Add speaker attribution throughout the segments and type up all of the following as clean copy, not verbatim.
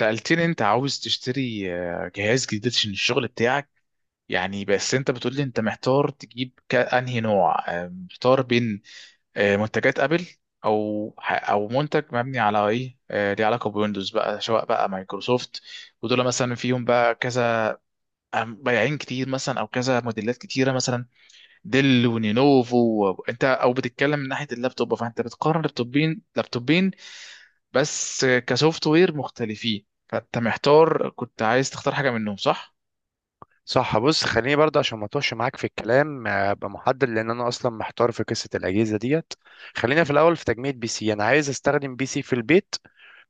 Speaker 1: سألتني انت عاوز تشتري جهاز جديد عشان الشغل بتاعك. يعني بس انت بتقول لي انت محتار تجيب انهي نوع، محتار بين منتجات ابل، او او منتج مبني على ايه، ليه علاقه بويندوز بقى، سواء بقى مايكروسوفت، ودول مثلا فيهم بقى كذا، بياعين كتير مثلا او كذا موديلات كتيره مثلا ديل ونينوفو. انت او بتتكلم من ناحيه اللابتوب، فانت بتقارن لابتوبين بس كسوفت وير مختلفين، فانت محتار كنت عايز تختار حاجه منهم، صح؟
Speaker 2: صح. بص خليني برضه عشان ما اتوهش معاك في الكلام، ابقى محدد، لان انا اصلا محتار في قصه الاجهزه ديت. خلينا في الاول في تجميع بي سي. انا عايز استخدم بي سي في البيت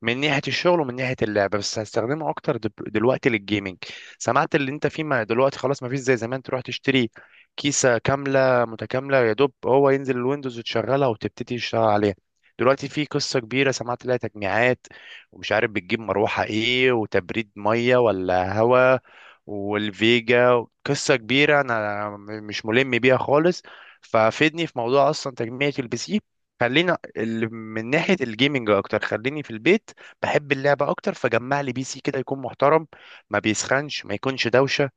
Speaker 2: من ناحية الشغل ومن ناحية اللعبة، بس هستخدمه أكتر دلوقتي للجيمنج. سمعت اللي أنت فيه، ما دلوقتي خلاص ما فيش زي زمان تروح تشتري كيسة كاملة متكاملة، يا دوب هو ينزل الويندوز وتشغلها وتبتدي تشتغل عليها. دلوقتي في قصة كبيرة سمعت لها، تجميعات ومش عارف بتجيب مروحة إيه وتبريد مية ولا هوا، والفيجا قصة كبيرة أنا مش ملم بيها خالص. ففيدني في موضوع أصلا تجميعة البي سي. خلينا من ناحية الجيمنج أكتر، خليني في البيت بحب اللعبة أكتر، فجمع لي بي سي كده يكون محترم، ما بيسخنش، ما يكونش دوشة،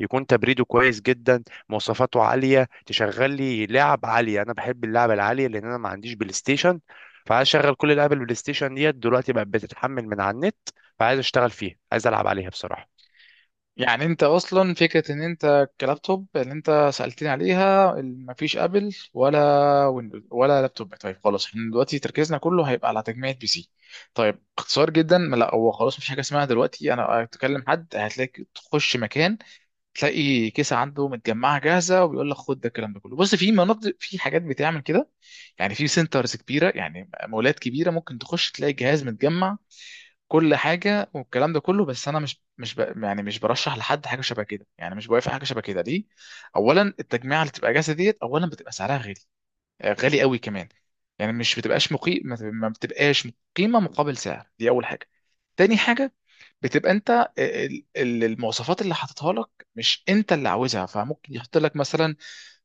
Speaker 2: يكون تبريده كويس جدا، مواصفاته عالية تشغل لي لعب عالية. أنا بحب اللعبة العالية لأن أنا ما عنديش بلاي ستيشن، فعايز أشغل كل لعب البلاي ستيشن ديت دلوقتي بقت بتتحمل من على النت، فعايز أشتغل فيها، عايز ألعب عليها بصراحة.
Speaker 1: يعني انت اصلا فكره ان انت كلابتوب اللي انت سالتني عليها مفيش ابل ولا ويندوز ولا لابتوب. طيب خلاص احنا دلوقتي تركيزنا كله هيبقى على تجميع بي سي. طيب اختصار جدا، ما لا هو خلاص مفيش حاجه اسمها دلوقتي انا اتكلم حد هتلاقي تخش مكان تلاقي كيسه عنده متجمعه جاهزه وبيقول لك خد ده. الكلام ده كله بص، في مناطق، في حاجات بتعمل كده، يعني في سنترز كبيره، يعني مولات كبيره ممكن تخش تلاقي جهاز متجمع كل حاجه والكلام ده كله. بس انا مش مش ب... يعني مش برشح لحد حاجه شبه كده، يعني مش بوافق حاجه شبه كده. ليه؟ اولا التجميعه اللي بتبقى جاهزه ديت اولا بتبقى سعرها غالي، غالي قوي كمان. يعني مش بتبقاش مقيم، ما بتبقاش قيمه مقابل سعر، دي اول حاجه. تاني حاجه بتبقى انت المواصفات اللي حاططها لك مش انت اللي عاوزها، فممكن يحط لك مثلا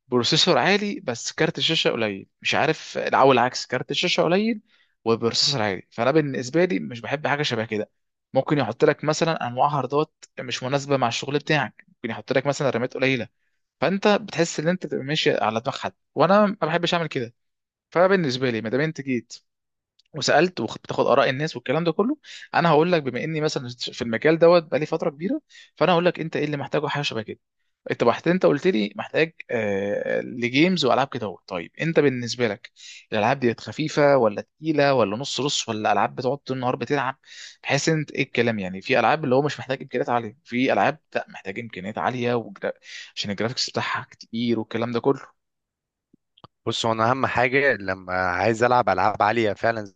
Speaker 1: بروسيسور عالي بس كارت الشاشه قليل، مش عارف، او العكس، كارت الشاشه قليل وبروسيسور عالي. فانا بالنسبه لي مش بحب حاجه شبه كده. ممكن يحط لك مثلا انواع هاردات مش مناسبه مع الشغل بتاعك، ممكن يحط لك مثلا رامات قليله، فانت بتحس ان انت بتبقى ماشي على دماغ حد، وانا ما بحبش اعمل كده. فبالنسبه لي ما دام انت جيت وسالت وبتاخد اراء الناس والكلام ده كله، انا هقول لك بما اني مثلا في المجال دوت بقالي فتره كبيره، فانا هقول لك انت ايه اللي محتاجه حاجه شبه كده. انت بحت، انت قلت لي محتاج لجيمز والعاب كده اهو. طيب انت بالنسبه لك الالعاب ديت خفيفه ولا تقيله ولا نص نص، ولا العاب بتقعد طول النهار بتلعب؟ بحيث انت ايه الكلام، يعني في العاب اللي هو مش محتاج امكانيات عاليه، في العاب لا محتاج امكانيات عاليه عشان الجرافيكس بتاعها كتير والكلام ده كله.
Speaker 2: بص هو أنا أهم حاجة لما عايز ألعب ألعاب عالية فعلا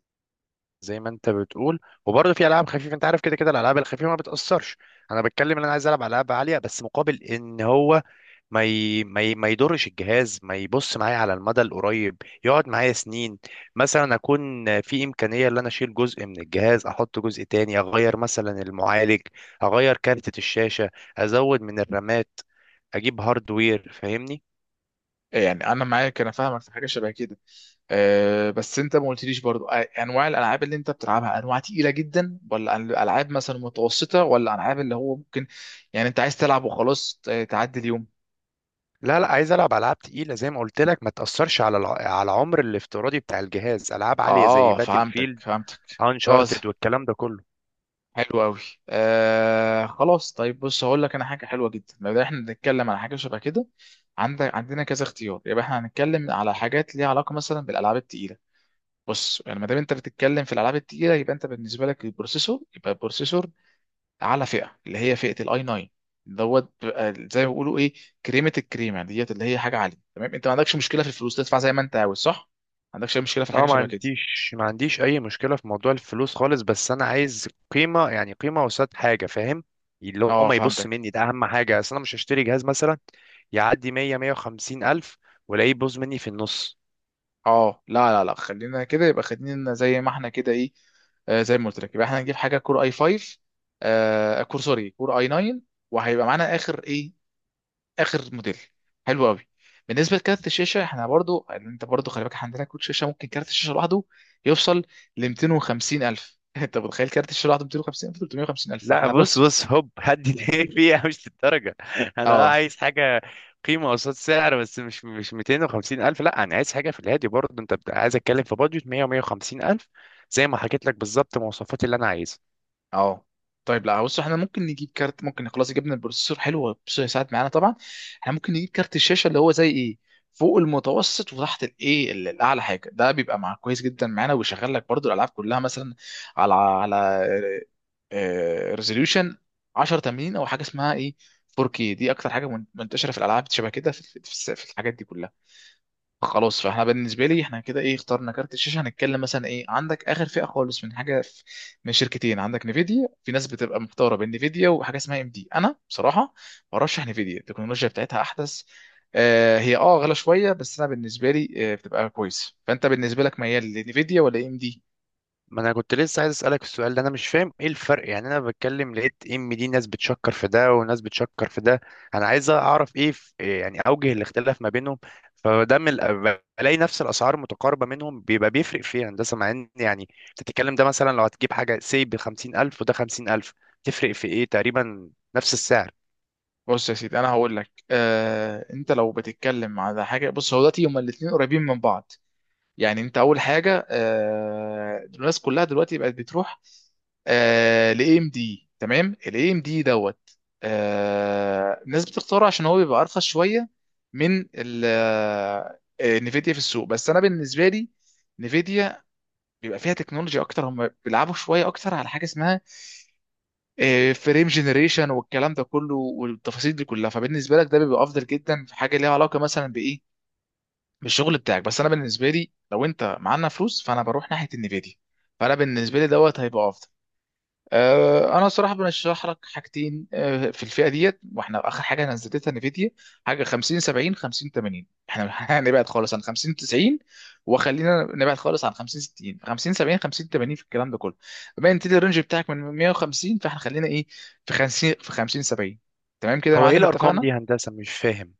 Speaker 2: زي ما أنت بتقول، وبرضه في ألعاب خفيفة أنت عارف كده كده الألعاب الخفيفة ما بتأثرش. أنا بتكلم إن أنا عايز ألعب ألعاب عالية، بس مقابل إن هو ما يضرش الجهاز، ما يبص معايا على المدى القريب، يقعد معايا سنين. مثلا اكون في امكانيه ان انا اشيل جزء من الجهاز احط جزء تاني، اغير مثلا المعالج، اغير كارتة الشاشه، ازود من الرامات، اجيب هاردوير، فاهمني؟
Speaker 1: يعني انا معاك، انا فاهمك في حاجه شبه كده. أه بس انت ما قلتليش برضو انواع الالعاب اللي انت بتلعبها انواع تقيله جدا، ولا العاب مثلا متوسطه، ولا العاب اللي هو ممكن يعني انت عايز تلعب وخلاص تعدي اليوم.
Speaker 2: لا لا، عايز العب العاب تقيله زي ما قلت لك، ما تاثرش على على العمر الافتراضي بتاع الجهاز. العاب عاليه زي
Speaker 1: اه،
Speaker 2: باتل
Speaker 1: فهمتك
Speaker 2: فيلد.
Speaker 1: فهمتك. اه،
Speaker 2: انشارتد والكلام ده كله.
Speaker 1: حلو قوي. خلاص، طيب بص هقول لك انا حاجه حلوه جدا. لو احنا بنتكلم على حاجه شبه كده، عندك عندنا كذا اختيار، يبقى احنا هنتكلم على حاجات ليها علاقه مثلا بالالعاب التقيله. بص، يعني ما دام انت بتتكلم في الالعاب التقيله، يبقى انت بالنسبه لك البروسيسور يبقى بروسيسور اعلى فئه، اللي هي فئه الاي 9 دوت، بيبقى زي ما بيقولوا ايه، كريمه الكريمه ديت، اللي هي حاجه عاليه. تمام، انت ما عندكش مشكله في الفلوس، تدفع زي ما انت عاوز، صح؟ ما عندكش اي مشكله في الحاجه
Speaker 2: اه ما
Speaker 1: شبه كده.
Speaker 2: عنديش ما عنديش اي مشكله في موضوع الفلوس خالص، بس انا عايز قيمه، يعني قيمه قصاد حاجه، فاهم؟ اللي هو
Speaker 1: اه
Speaker 2: ما يبص
Speaker 1: فهمتك.
Speaker 2: مني، ده اهم حاجه. اصل انا مش هشتري جهاز مثلا يعدي 100 150 الف والاقيه يبوظ مني في النص.
Speaker 1: اه لا لا لا، خلينا كده، يبقى خلينا زي ما احنا كده ايه. زي ما قلت لك، يبقى احنا هنجيب حاجه كور اي 5، كور سوري، كور اي 9، وهيبقى معانا اخر ايه، اخر موديل. حلو قوي. بالنسبه لكارت الشاشه احنا برضو، انت برضو خلي بالك، احنا عندنا كروت شاشه ممكن كارت الشاشه لوحده يوصل ل 250 الف. انت متخيل كارت الشاشه لوحده 250 الف 350 الف؟
Speaker 2: لا
Speaker 1: فاحنا
Speaker 2: بص
Speaker 1: بص.
Speaker 2: بص، هوب هدي ليه، فيها مش للدرجه. انا اه
Speaker 1: اه
Speaker 2: عايز حاجه قيمه قصاد سعر، بس مش مش 250 الف لا، انا عايز حاجه في الهادي برضه، انت عايز اتكلم في بادجت 100 150 الف زي ما حكيت لك بالظبط، مواصفات اللي انا عايزها.
Speaker 1: اه. طيب لا، بص احنا ممكن نجيب كارت، ممكن خلاص جبنا البروسيسور حلو، البروسيسور هيساعد معانا طبعا. احنا ممكن نجيب كارت الشاشه اللي هو زي ايه، فوق المتوسط وتحت الايه الاعلى حاجه، ده بيبقى مع كويس جدا معانا، ويشغل لك برضو الالعاب كلها مثلا على على ريزوليوشن 1080، او حاجه اسمها ايه، 4K. دي اكتر حاجه منتشره في الالعاب شبه كده، في، في، في الحاجات دي كلها. خلاص فاحنا بالنسبه لي احنا كده ايه، اخترنا كارت الشاشه. هنتكلم مثلا ايه، عندك اخر فئه خالص من حاجه في من شركتين، عندك نيفيديا، في ناس بتبقى مختاره بين نيفيديا وحاجه اسمها ام دي. انا بصراحه برشح نيفيديا، التكنولوجيا بتاعتها احدث. هي اه غلا شويه، بس انا بالنسبه لي بتبقى كويس. فانت بالنسبه لك ميال لنيفيديا ولا ام دي؟
Speaker 2: ما انا كنت لسه عايز اسالك السؤال ده، انا مش فاهم ايه الفرق. يعني انا بتكلم لقيت ام دي، ناس بتشكر في ده وناس بتشكر في ده، انا عايز اعرف ايه في إيه، يعني اوجه الاختلاف ما بينهم، فده من بلاقي نفس الاسعار متقاربه منهم، بيبقى بيفرق في إيه هندسه؟ مع ان يعني بتتكلم ده مثلا لو هتجيب حاجه سي ب 50000 وده 50000، تفرق في ايه تقريبا؟ نفس السعر.
Speaker 1: بص يا سيدي، انا هقول لك انت لو بتتكلم على حاجه، بص هو دلوقتي هما الاثنين قريبين من بعض. يعني انت اول حاجه الناس كلها دلوقتي بقت بتروح لاي ام دي، تمام؟ الاي ام دي دوت، الناس بتختاره عشان هو بيبقى ارخص شويه من ال نفيديا في السوق. بس انا بالنسبه لي نفيديا بيبقى فيها تكنولوجيا اكتر، هم بيلعبوا شويه اكتر على حاجه اسمها فريم جنريشن والكلام ده كله والتفاصيل دي كلها، فبالنسبه لك ده بيبقى افضل جدا في حاجه ليها علاقه مثلا بايه، بالشغل بتاعك. بس انا بالنسبه لي لو انت معانا فلوس فانا بروح ناحيه النفيديا، فانا بالنسبه لي دوت هيبقى افضل. انا صراحه برشح لك حاجتين في الفئه ديت. واحنا اخر حاجه نزلتها نفيديا حاجه 50 70، 50 80، احنا هنبعد خالص عن 50 90، وخلينا نبعد خالص عن 50 60، 50 70، 50 80 في الكلام ده كله. بما ان انت الرينج بتاعك من 150، فاحنا خلينا ايه، في 50، في 50 70. تمام كده يا
Speaker 2: هو ايه
Speaker 1: معلم،
Speaker 2: الارقام دي
Speaker 1: اتفقنا؟
Speaker 2: يا هندسه؟ مش فاهم.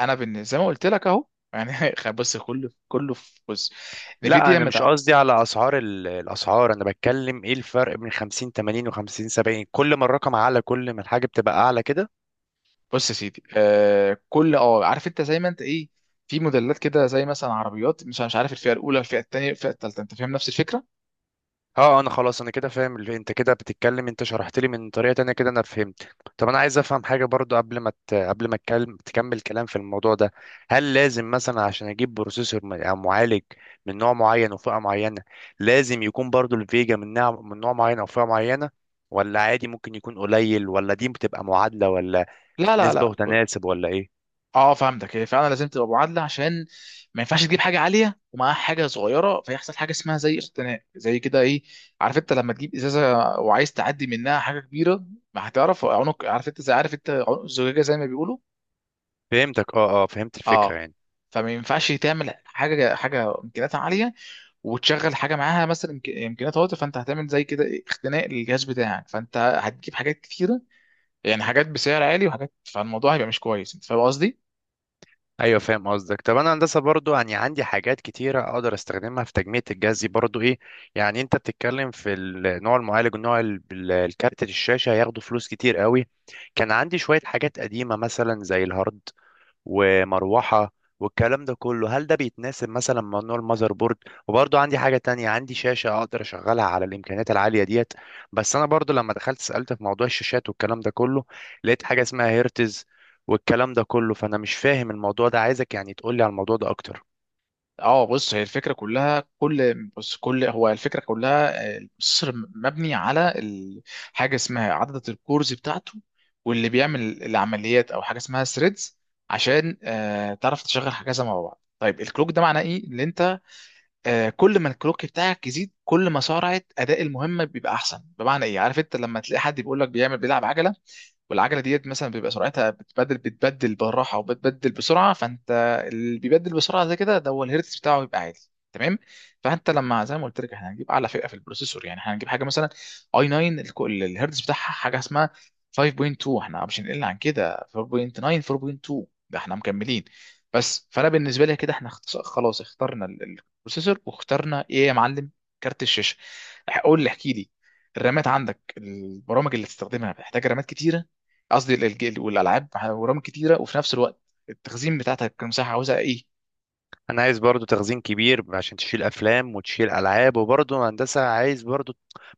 Speaker 1: انا زي ما قلت لك اهو. يعني بص كله كله في بص
Speaker 2: لا
Speaker 1: نفيديا.
Speaker 2: انا مش قصدي على اسعار الاسعار، انا بتكلم ايه الفرق بين 50 80 و50 70؟ كل ما الرقم اعلى كل ما الحاجه بتبقى اعلى كده؟
Speaker 1: بص يا سيدي، كل اه، عارف انت زي ما انت ايه، في موديلات كده زي مثلا عربيات، مش عارف، الفئه الاولى، الفئه الثانيه، الفئه الثالثه، انت فاهم نفس الفكره.
Speaker 2: اه انا خلاص انا كده فاهم اللي انت كده بتتكلم، انت شرحت لي من طريقه تانية كده انا فهمت. طب انا عايز افهم حاجه برضو قبل ما اتكلم، تكمل كلام في الموضوع ده. هل لازم مثلا عشان اجيب بروسيسور او معالج من نوع معين وفئه معينه، لازم يكون برضو الفيجا من نوع من نوع معين او فئه معينه؟ ولا عادي ممكن يكون قليل؟ ولا دي بتبقى معادله، ولا
Speaker 1: لا لا
Speaker 2: نسبة
Speaker 1: لا.
Speaker 2: وتناسب، ولا ايه؟
Speaker 1: اه فهمتك، هي فعلا لازم تبقى معادله، عشان ما ينفعش تجيب حاجه عاليه ومعاها حاجه صغيره، فيحصل حاجه اسمها زي اختناق زي كده ايه. عارف انت لما تجيب ازازه وعايز تعدي منها حاجه كبيره ما هتعرف؟ عنق، عارف انت زي، عارف انت عنق الزجاجه زي ما بيقولوا.
Speaker 2: فهمتك، اه اه فهمت الفكرة
Speaker 1: اه.
Speaker 2: يعني.
Speaker 1: فما ينفعش تعمل حاجه، حاجه امكانياتها عاليه وتشغل حاجه معاها مثلا امكانيات هواتف، فانت هتعمل زي كده اختناق للجهاز بتاعك، فانت هتجيب حاجات كتيره، يعني حاجات بسعر عالي وحاجات، فالموضوع هيبقى مش كويس، انت فاهم قصدي؟
Speaker 2: ايوه فاهم قصدك. طب انا هندسة برضو، يعني عندي حاجات كتيرة اقدر استخدمها في تجميع الجهاز دي برضو ايه، يعني انت بتتكلم في النوع المعالج والنوع الكارت الشاشة هياخدوا فلوس كتير قوي. كان عندي شوية حاجات قديمة مثلا زي الهارد، ومروحة، والكلام ده كله، هل ده بيتناسب مثلا مع نوع المذر بورد؟ وبرضه عندي حاجة تانية، عندي شاشة أقدر أشغلها على الإمكانيات العالية ديت، بس أنا برضه لما دخلت سألت في موضوع الشاشات والكلام ده كله، لقيت حاجة اسمها هيرتز والكلام ده كله، فأنا مش فاهم الموضوع ده، عايزك يعني تقولي على الموضوع ده أكتر.
Speaker 1: اه، بص هي الفكره كلها، كل بص كل هو الفكره كلها، البروسيسور مبني على حاجه اسمها عدد الكورز بتاعته واللي بيعمل العمليات، او حاجه اسمها ثريدز، عشان تعرف تشغل حاجه زي ما بعض. طيب الكلوك ده معناه ايه، اللي انت كل ما الكلوك بتاعك يزيد كل ما سرعه اداء المهمه بيبقى احسن، بمعنى ايه، عارف انت لما تلاقي حد بيقول لك بيعمل بيلعب عجله، والعجله ديت مثلا بيبقى سرعتها بتبدل بالراحه، وبتبدل بسرعه. فانت اللي بيبدل بسرعه زي كده ده هو الهيرتز بتاعه بيبقى عالي. تمام. فانت لما زي ما قلت لك احنا هنجيب اعلى فئه في البروسيسور، يعني احنا هنجيب حاجه مثلا اي 9، الهيرتز بتاعها حاجه اسمها 5.2، احنا مش هنقل عن كده 4.9، 4.2، ده احنا مكملين بس. فانا بالنسبه لي كده احنا خلاص اخترنا البروسيسور، واخترنا ايه يا معلم، كارت الشاشه. قول لي، احكي لي، الرامات عندك البرامج اللي تستخدمها محتاجه رامات كتيره؟ قصدي والالعاب ورام كتيره، وفي نفس الوقت التخزين بتاعتك، المساحه عاوزها ايه؟
Speaker 2: انا عايز برضو تخزين كبير عشان تشيل افلام وتشيل العاب، وبرضو هندسه عايز برضو،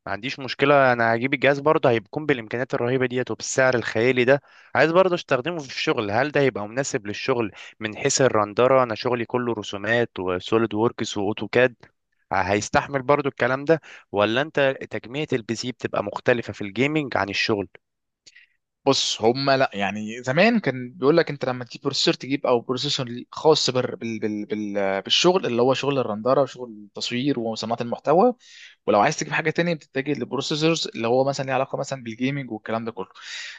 Speaker 2: ما عنديش مشكله، انا هجيب الجهاز برضو هيكون بالامكانيات الرهيبه ديت وبالسعر الخيالي ده، عايز برضو استخدمه في الشغل. هل ده هيبقى مناسب للشغل من حيث الرندره؟ انا شغلي كله رسومات وسوليد ووركس واوتوكاد، هيستحمل برضو الكلام ده؟ ولا انت تجميع البي سي بتبقى مختلفه في الجيمنج عن الشغل؟
Speaker 1: بص هما لا، يعني زمان كان بيقول لك انت لما تجيب بروسيسور تجيب، او بروسيسور خاص بال بالشغل اللي هو شغل الرندره وشغل التصوير وصناعه المحتوى، ولو عايز تجيب حاجه تانية بتتجه للبروسيسورز اللي هو مثلا ليه علاقه مثلا بالجيمنج والكلام ده كله.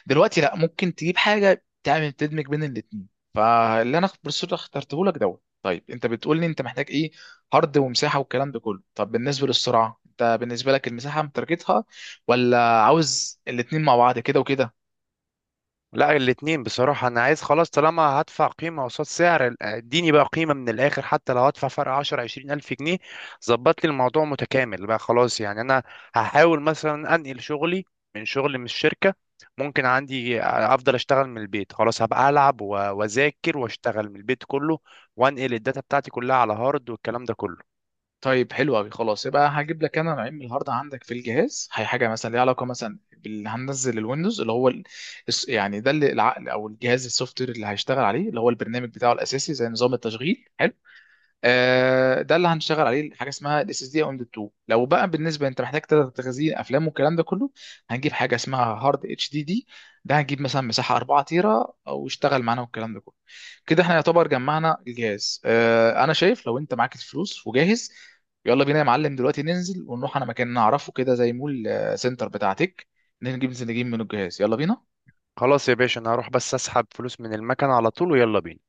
Speaker 1: دلوقتي لا، ممكن تجيب حاجه تعمل تدمج بين الاثنين، فاللي انا البروسيسور اللي اخترته لك دوت. طيب انت بتقول لي انت محتاج ايه، هارد ومساحه والكلام ده كله. طب بالنسبه للسرعه، انت بالنسبه لك المساحه متركتها، ولا عاوز الاثنين مع بعض كده وكده؟
Speaker 2: لا الاتنين بصراحة. أنا عايز خلاص، طالما هدفع قيمة قصاد سعر اديني بقى قيمة من الآخر، حتى لو هدفع فرق 10 20 ألف جنيه، ظبط لي الموضوع متكامل بقى خلاص. يعني أنا هحاول مثلا أنقل شغلي من شغل من الشركة، ممكن عندي أفضل أشتغل من البيت خلاص، هبقى ألعب وأذاكر وأشتغل من البيت كله، وأنقل الداتا بتاعتي كلها على هارد والكلام ده كله.
Speaker 1: طيب حلو قوي، خلاص يبقى هجيب لك انا نوعين من الهارد عندك في الجهاز. هي حاجه مثلا ليها علاقه مثلا باللي هننزل الويندوز، اللي هو يعني ده اللي العقل او الجهاز السوفت وير اللي هيشتغل عليه، اللي هو البرنامج بتاعه الاساسي زي نظام التشغيل، حلو؟ ده اللي هنشتغل عليه حاجه اسمها الاس اس دي او ام 2. لو بقى بالنسبه انت محتاج تلات تخزين افلام والكلام ده كله، هنجيب حاجه اسمها هارد اتش دي دي، ده هنجيب مثلا مساحه 4 تيرا او يشتغل معانا والكلام ده كله. كده احنا يعتبر جمعنا الجهاز. انا شايف لو انت معاك الفلوس وجاهز، يلا بينا يا معلم، دلوقتي ننزل ونروح على مكان نعرفه كده زي مول، سنتر بتاعتك، نجيب ننزل نجيب منه الجهاز، يلا بينا.
Speaker 2: خلاص يا باشا أنا هروح بس أسحب فلوس من المكنة على طول ويلا بينا.